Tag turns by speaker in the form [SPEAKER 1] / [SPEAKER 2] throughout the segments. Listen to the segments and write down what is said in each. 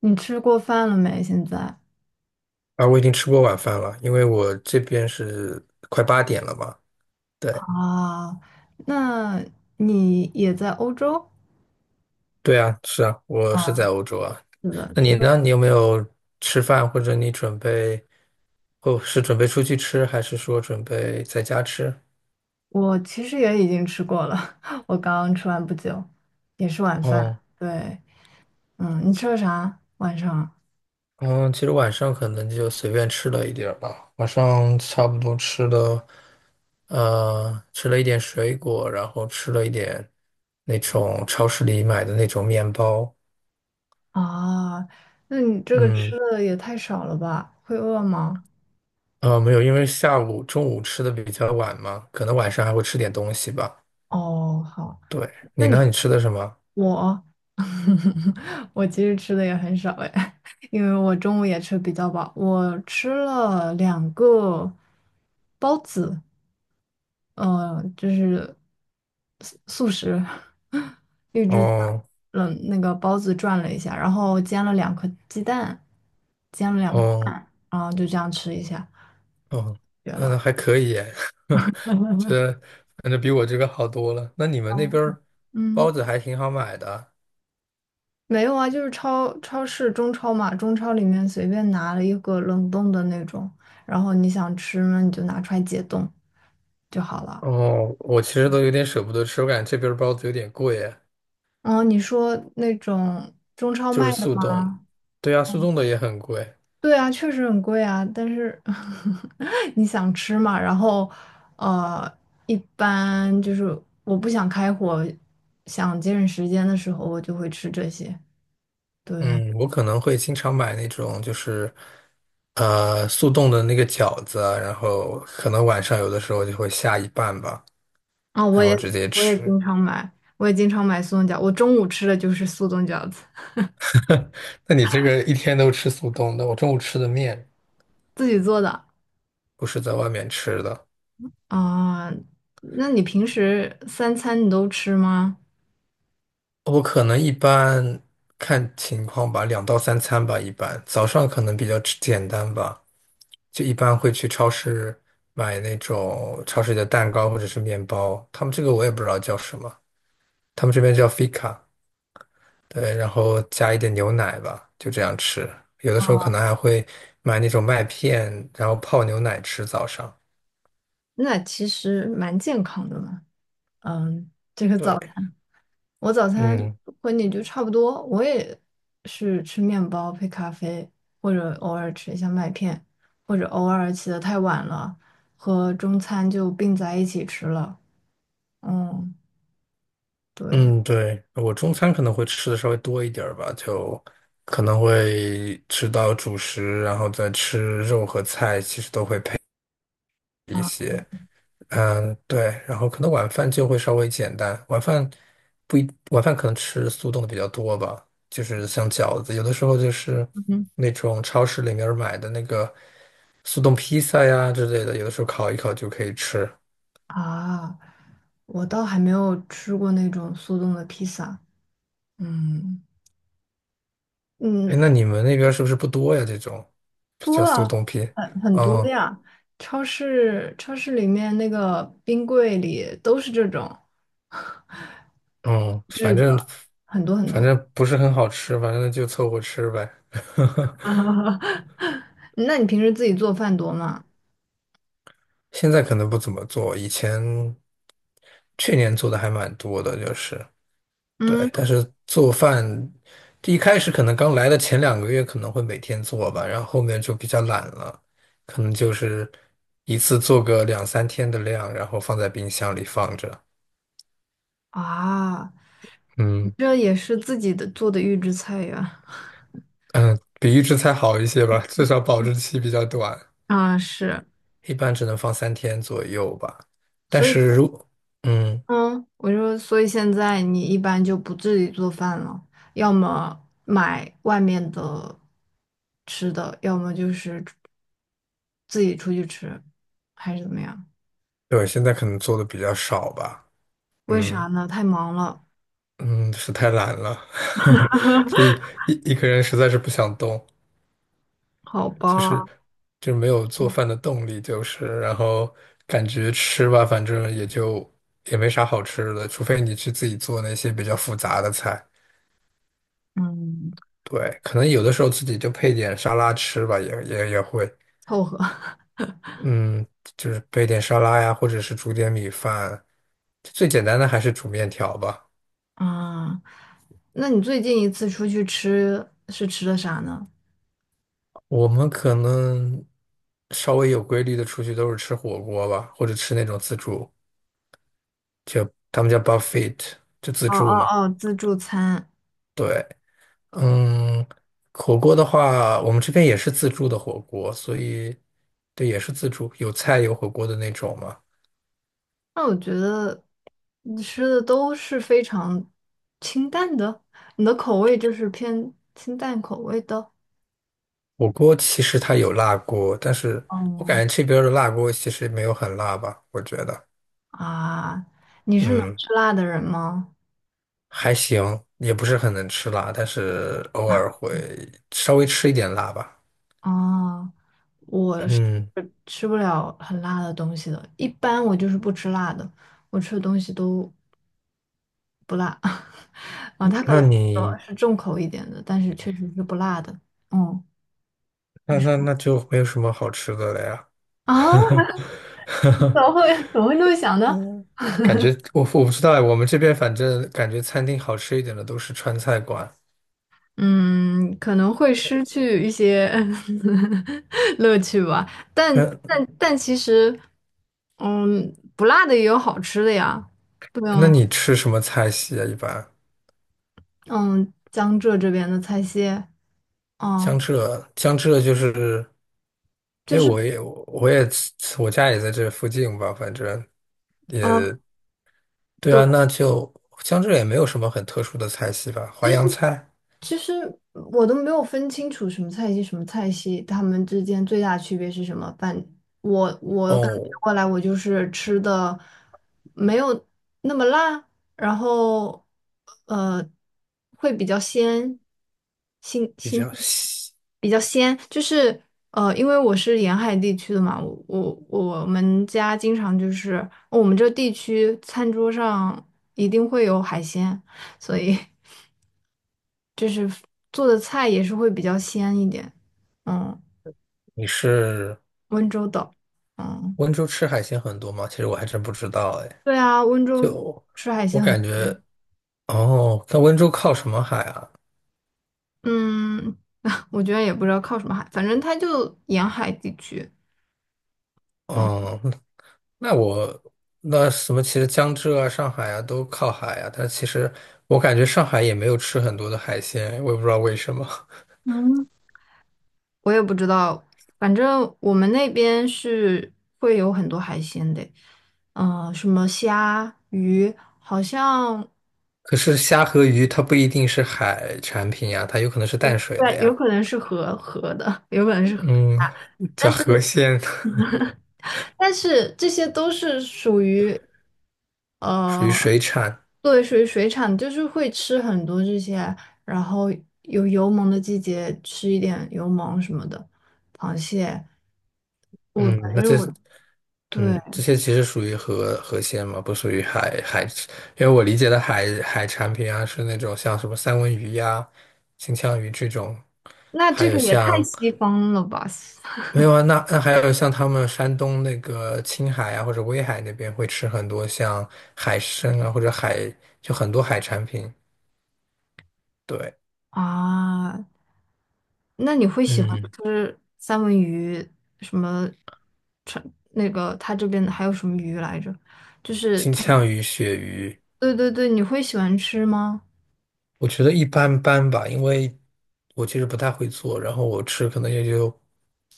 [SPEAKER 1] 你吃过饭了没？现在
[SPEAKER 2] 啊，我已经吃过晚饭了，因为我这边是快8点了嘛。对，
[SPEAKER 1] 啊，那你也在欧洲？
[SPEAKER 2] 对啊，是啊，我是在欧洲啊。
[SPEAKER 1] 是的，
[SPEAKER 2] 那你
[SPEAKER 1] 因
[SPEAKER 2] 呢？
[SPEAKER 1] 为
[SPEAKER 2] 你有没有吃饭，或者你准备，哦，是准备出去吃，还是说准备在家吃？
[SPEAKER 1] 我其实也已经吃过了，我刚刚吃完不久，也是晚饭。
[SPEAKER 2] 哦，
[SPEAKER 1] 对，嗯，你吃了啥？晚上
[SPEAKER 2] 嗯，其实晚上可能就随便吃了一点儿吧，晚上差不多吃了，吃了一点水果，然后吃了一点那种超市里买的那种面包，
[SPEAKER 1] 啊？那你这个吃
[SPEAKER 2] 嗯，
[SPEAKER 1] 的也太少了吧？会饿吗？
[SPEAKER 2] 没有，因为下午、中午吃的比较晚嘛，可能晚上还会吃点东西吧。
[SPEAKER 1] 哦，好，
[SPEAKER 2] 对，你
[SPEAKER 1] 那你
[SPEAKER 2] 呢？你吃的什么？
[SPEAKER 1] 我 我其实吃的也很少哎，因为我中午也吃比较饱，我吃了两个包子。就是素食 一制菜。
[SPEAKER 2] 哦
[SPEAKER 1] 嗯，那个包子转了一下，然后煎了两颗鸡蛋，煎了两个蛋，
[SPEAKER 2] 哦
[SPEAKER 1] 然后就这样吃一下，
[SPEAKER 2] 哦，
[SPEAKER 1] 绝
[SPEAKER 2] 那
[SPEAKER 1] 了。
[SPEAKER 2] 还可以耶 我觉 得反正比我这个好多了。那你们那边儿
[SPEAKER 1] 嗯。
[SPEAKER 2] 包子还挺好买的。
[SPEAKER 1] 没有啊，就是超市中超嘛，中超里面随便拿了一个冷冻的那种，然后你想吃呢，你就拿出来解冻就好了。
[SPEAKER 2] 哦，我其实都有点舍不得吃，我感觉这边儿包子有点贵耶
[SPEAKER 1] 嗯，你说那种中超
[SPEAKER 2] 就是
[SPEAKER 1] 卖的
[SPEAKER 2] 速冻。
[SPEAKER 1] 吗？
[SPEAKER 2] 对呀，速冻的也很贵。
[SPEAKER 1] 对啊，确实很贵啊，但是 你想吃嘛。然后呃，一般就是我不想开火，想节省时间的时候，我就会吃这些。对，
[SPEAKER 2] 嗯，我可能会经常买那种就是，速冻的那个饺子啊然后可能晚上有的时候就会下一半吧，
[SPEAKER 1] 啊，我
[SPEAKER 2] 然后
[SPEAKER 1] 也
[SPEAKER 2] 直接
[SPEAKER 1] 我也
[SPEAKER 2] 吃。
[SPEAKER 1] 经常买，我也经常买速冻饺，我中午吃的就是速冻饺子。
[SPEAKER 2] 那你这个一天都吃速冻的，我中午吃的面
[SPEAKER 1] 自己做的
[SPEAKER 2] 不是在外面吃的，
[SPEAKER 1] 啊，那你平时三餐你都吃吗？
[SPEAKER 2] 我可能一般看情况吧，两到三餐吧，一般早上可能比较吃简单吧，就一般会去超市买那种超市里的蛋糕或者是面包，他们这个我也不知道叫什么，他们这边叫 fika。对，然后加一点牛奶吧，就这样吃。有的时候可能还会买那种麦片，然后泡牛奶吃早上。
[SPEAKER 1] 那其实蛮健康的嘛。嗯，这个
[SPEAKER 2] 对，
[SPEAKER 1] 早餐，我早餐
[SPEAKER 2] 嗯
[SPEAKER 1] 和你就差不多，我也是吃面包配咖啡，或者偶尔吃一下麦片，或者偶尔起的太晚了，和中餐就并在一起吃了。嗯，对
[SPEAKER 2] 嗯，对，我中餐可能会吃的稍微多一点儿吧，就可能会吃到主食，然后再吃肉和菜，其实都会配。
[SPEAKER 1] 啊，
[SPEAKER 2] 嗯，对，然后可能晚饭就会稍微简单，晚饭不一，晚饭可能吃速冻的比较多吧，就是像饺子，有的时候就是
[SPEAKER 1] 嗯
[SPEAKER 2] 那种超市里面儿买的那个速冻披萨呀之类的，有的时候烤一烤就可以吃。
[SPEAKER 1] 啊，我倒还没有吃过那种速冻的披萨。嗯
[SPEAKER 2] 哎，那
[SPEAKER 1] 嗯，
[SPEAKER 2] 你们那边儿是不是不多呀？这种
[SPEAKER 1] 多
[SPEAKER 2] 叫速
[SPEAKER 1] 啊，
[SPEAKER 2] 冻披，
[SPEAKER 1] 很多
[SPEAKER 2] 嗯
[SPEAKER 1] 呀。超市里面那个冰柜里都是这种，
[SPEAKER 2] 嗯，反正
[SPEAKER 1] 很多很
[SPEAKER 2] 反
[SPEAKER 1] 多。
[SPEAKER 2] 正不是很好吃，反正就凑合吃呗。
[SPEAKER 1] 那你平时自己做饭多吗？
[SPEAKER 2] 现在可能不怎么做，以前去年做的还蛮多的，就是对，
[SPEAKER 1] 嗯
[SPEAKER 2] 但是做饭一开始可能刚来的前2个月可能会每天做吧，然后后面就比较懒了，可能就是一次做个两三天的量，然后放在冰箱里放着。
[SPEAKER 1] 啊，
[SPEAKER 2] 嗯
[SPEAKER 1] 这也是自己的做的预制菜呀。
[SPEAKER 2] 嗯，比预制菜好一些吧，至少保质期比较短，
[SPEAKER 1] 啊，是，
[SPEAKER 2] 一般只能放三天左右吧。但
[SPEAKER 1] 所以
[SPEAKER 2] 是如嗯，
[SPEAKER 1] 嗯，我就所以现在你一般就不自己做饭了，要么买外面的吃的，要么就是自己出去吃，还是怎么样？
[SPEAKER 2] 对，现在可能做的比较少吧，
[SPEAKER 1] 为
[SPEAKER 2] 嗯。
[SPEAKER 1] 啥呢？太忙了。
[SPEAKER 2] 嗯，是太懒了，所以一个人实在是不想动，
[SPEAKER 1] 好
[SPEAKER 2] 就是
[SPEAKER 1] 吧，
[SPEAKER 2] 就没有做饭的动力，就是然后感觉吃吧，反正也就也没啥好吃的，除非你去自己做那些比较复杂的菜。
[SPEAKER 1] 嗯，
[SPEAKER 2] 对，可能有的时候自己就配点沙拉吃吧，也会，
[SPEAKER 1] 凑合。
[SPEAKER 2] 嗯，就是配点沙拉呀，或者是煮点米饭，最简单的还是煮面条吧。
[SPEAKER 1] 啊。那你最近一次出去吃是吃的啥呢？
[SPEAKER 2] 我们可能稍微有规律的出去都是吃火锅吧，或者吃那种自助，就他们叫 buffet，就自
[SPEAKER 1] 哦
[SPEAKER 2] 助
[SPEAKER 1] 哦
[SPEAKER 2] 嘛。
[SPEAKER 1] 哦，自助餐。
[SPEAKER 2] 对，嗯，火锅的话，我们这边也是自助的火锅，所以对，也是自助，有菜有火锅的那种嘛。
[SPEAKER 1] 那我觉得你吃的都是非常清淡的，你的口味就是偏清淡口味的。
[SPEAKER 2] 火锅其实它有辣锅，但是我
[SPEAKER 1] 嗯
[SPEAKER 2] 感觉这边儿的辣锅其实没有很辣吧，我觉得，
[SPEAKER 1] 啊，你是能
[SPEAKER 2] 嗯，
[SPEAKER 1] 吃辣的人吗？
[SPEAKER 2] 还行，也不是很能吃辣，但是偶尔会稍微吃一点辣吧。
[SPEAKER 1] 啊，我是
[SPEAKER 2] 嗯。
[SPEAKER 1] 吃不了很辣的东西的，一般我就是不吃辣的，我吃的东西都不辣。啊，他可
[SPEAKER 2] 那
[SPEAKER 1] 能
[SPEAKER 2] 你
[SPEAKER 1] 是重口一点的，但是确实是不辣的。嗯，你
[SPEAKER 2] 那
[SPEAKER 1] 说
[SPEAKER 2] 那那就没有什么好吃的了呀。
[SPEAKER 1] 啊，怎 么会怎么会这么想呢？
[SPEAKER 2] 嗯，感觉我不知道，我们这边反正感觉餐厅好吃一点的都是川菜馆。
[SPEAKER 1] 嗯，可能会失去一些 乐趣吧。但
[SPEAKER 2] 那
[SPEAKER 1] 但但其实，嗯，不辣的也有好吃的呀，对
[SPEAKER 2] 那
[SPEAKER 1] 啊，
[SPEAKER 2] 你吃什么菜系啊？一般
[SPEAKER 1] 嗯，江浙这边的菜系。哦、
[SPEAKER 2] 江浙就是，因
[SPEAKER 1] 就
[SPEAKER 2] 为
[SPEAKER 1] 是，
[SPEAKER 2] 我家也在这附近吧，反正也
[SPEAKER 1] 嗯、
[SPEAKER 2] 对
[SPEAKER 1] 对，
[SPEAKER 2] 啊，那就江浙也没有什么很特殊的菜系吧，
[SPEAKER 1] 其
[SPEAKER 2] 淮
[SPEAKER 1] 实
[SPEAKER 2] 扬菜
[SPEAKER 1] 其实我都没有分清楚什么菜系什么菜系，它们之间最大的区别是什么？我感觉
[SPEAKER 2] 哦，
[SPEAKER 1] 过来，我就是吃的没有那么辣。然后呃会比较鲜，新
[SPEAKER 2] 比
[SPEAKER 1] 新鲜
[SPEAKER 2] 较西。
[SPEAKER 1] 比较鲜，就是因为我是沿海地区的嘛，我们家经常就是我们这地区餐桌上一定会有海鲜，所以 就是做的菜也是会比较鲜一点。嗯，
[SPEAKER 2] 你是？
[SPEAKER 1] 温州的。嗯，
[SPEAKER 2] 温州吃海鲜很多吗？其实我还真不知道哎。
[SPEAKER 1] 对啊，温州
[SPEAKER 2] 就
[SPEAKER 1] 吃海
[SPEAKER 2] 我
[SPEAKER 1] 鲜
[SPEAKER 2] 感
[SPEAKER 1] 很，
[SPEAKER 2] 觉，哦，那温州靠什么海啊？
[SPEAKER 1] 嗯，我觉得也不知道靠什么海，反正它就沿海地区。嗯
[SPEAKER 2] 嗯，那那我那什么，其实江浙啊、上海啊都靠海啊，但其实我感觉上海也没有吃很多的海鲜，我也不知道为什么。
[SPEAKER 1] 嗯，我也不知道，反正我们那边是会有很多海鲜的。嗯、什么虾、鱼，好像
[SPEAKER 2] 可是虾和鱼它不一定是海产品呀，它有可能是淡水的
[SPEAKER 1] 对，有
[SPEAKER 2] 呀。
[SPEAKER 1] 可能是河的，有可能是河
[SPEAKER 2] 嗯，
[SPEAKER 1] 虾，但
[SPEAKER 2] 叫
[SPEAKER 1] 是。
[SPEAKER 2] 河鲜，
[SPEAKER 1] 但是这些都是属于
[SPEAKER 2] 属
[SPEAKER 1] 呃，
[SPEAKER 2] 于水产。
[SPEAKER 1] 对，属于水产，就是会吃很多这些，然后有油蒙的季节吃一点油蒙什么的，螃蟹，我
[SPEAKER 2] 嗯，
[SPEAKER 1] 反
[SPEAKER 2] 那
[SPEAKER 1] 正
[SPEAKER 2] 这
[SPEAKER 1] 我对，
[SPEAKER 2] 嗯，这些其实属于河鲜嘛，不属于海，因为我理解的海产品啊，是那种像什么三文鱼呀、金枪鱼这种，
[SPEAKER 1] 那
[SPEAKER 2] 还
[SPEAKER 1] 这
[SPEAKER 2] 有
[SPEAKER 1] 个也太
[SPEAKER 2] 像
[SPEAKER 1] 西方了吧
[SPEAKER 2] 没有啊，那还有像他们山东那个青海啊或者威海那边会吃很多像海参啊或者海就很多海产品，对，
[SPEAKER 1] 啊？那你会喜欢
[SPEAKER 2] 嗯，
[SPEAKER 1] 吃三文鱼什么？川那个他这边还有什么鱼来着？就是
[SPEAKER 2] 金
[SPEAKER 1] 他，
[SPEAKER 2] 枪鱼、鳕鱼。
[SPEAKER 1] 对对对，你会喜欢吃吗？
[SPEAKER 2] 我觉得一般般吧，因为我其实不太会做，然后我吃可能也就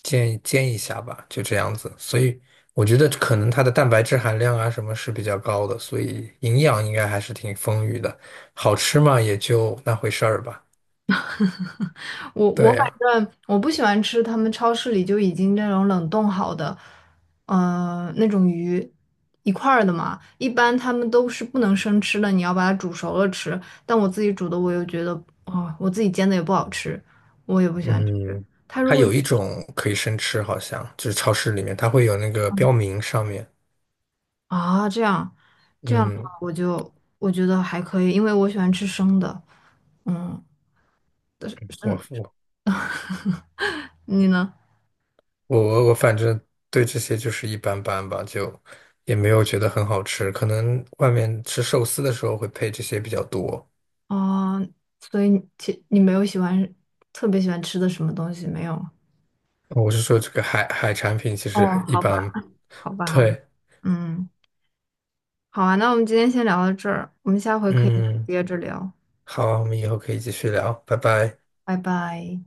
[SPEAKER 2] 煎煎一下吧，就这样子。所以我觉得可能它的蛋白质含量啊什么是比较高的，所以营养应该还是挺丰腴的。好吃嘛，也就那回事儿吧。对
[SPEAKER 1] 反
[SPEAKER 2] 呀，
[SPEAKER 1] 正我不喜欢吃他们超市里就已经那种冷冻好的。那种鱼一块儿的嘛。一般他们都是不能生吃的，你要把它煮熟了吃。但我自己煮的，我又觉得，哦，我自己煎的也不好吃，我也不喜欢吃
[SPEAKER 2] 嗯，它有一种可以生吃，好像就是超市里面它会有那个标明上面，
[SPEAKER 1] 啊。这样，这样的话，
[SPEAKER 2] 嗯。
[SPEAKER 1] 我觉得还可以，因为我喜欢吃生的。嗯，但是生，
[SPEAKER 2] 我
[SPEAKER 1] 你呢？
[SPEAKER 2] 我反正对这些就是一般般吧，就也没有觉得很好吃。可能外面吃寿司的时候会配这些比较多。
[SPEAKER 1] 哦，所以你没有喜欢特别喜欢吃的什么东西没有？
[SPEAKER 2] 我是说这个海产品其实
[SPEAKER 1] 哦，
[SPEAKER 2] 一
[SPEAKER 1] 好吧，
[SPEAKER 2] 般。
[SPEAKER 1] 好吧，好吧，
[SPEAKER 2] 对，
[SPEAKER 1] 嗯，好啊，那我们今天先聊到这儿，我们下回可以
[SPEAKER 2] 嗯，
[SPEAKER 1] 接着聊，
[SPEAKER 2] 好，我们以后可以继续聊，拜拜。
[SPEAKER 1] 拜拜。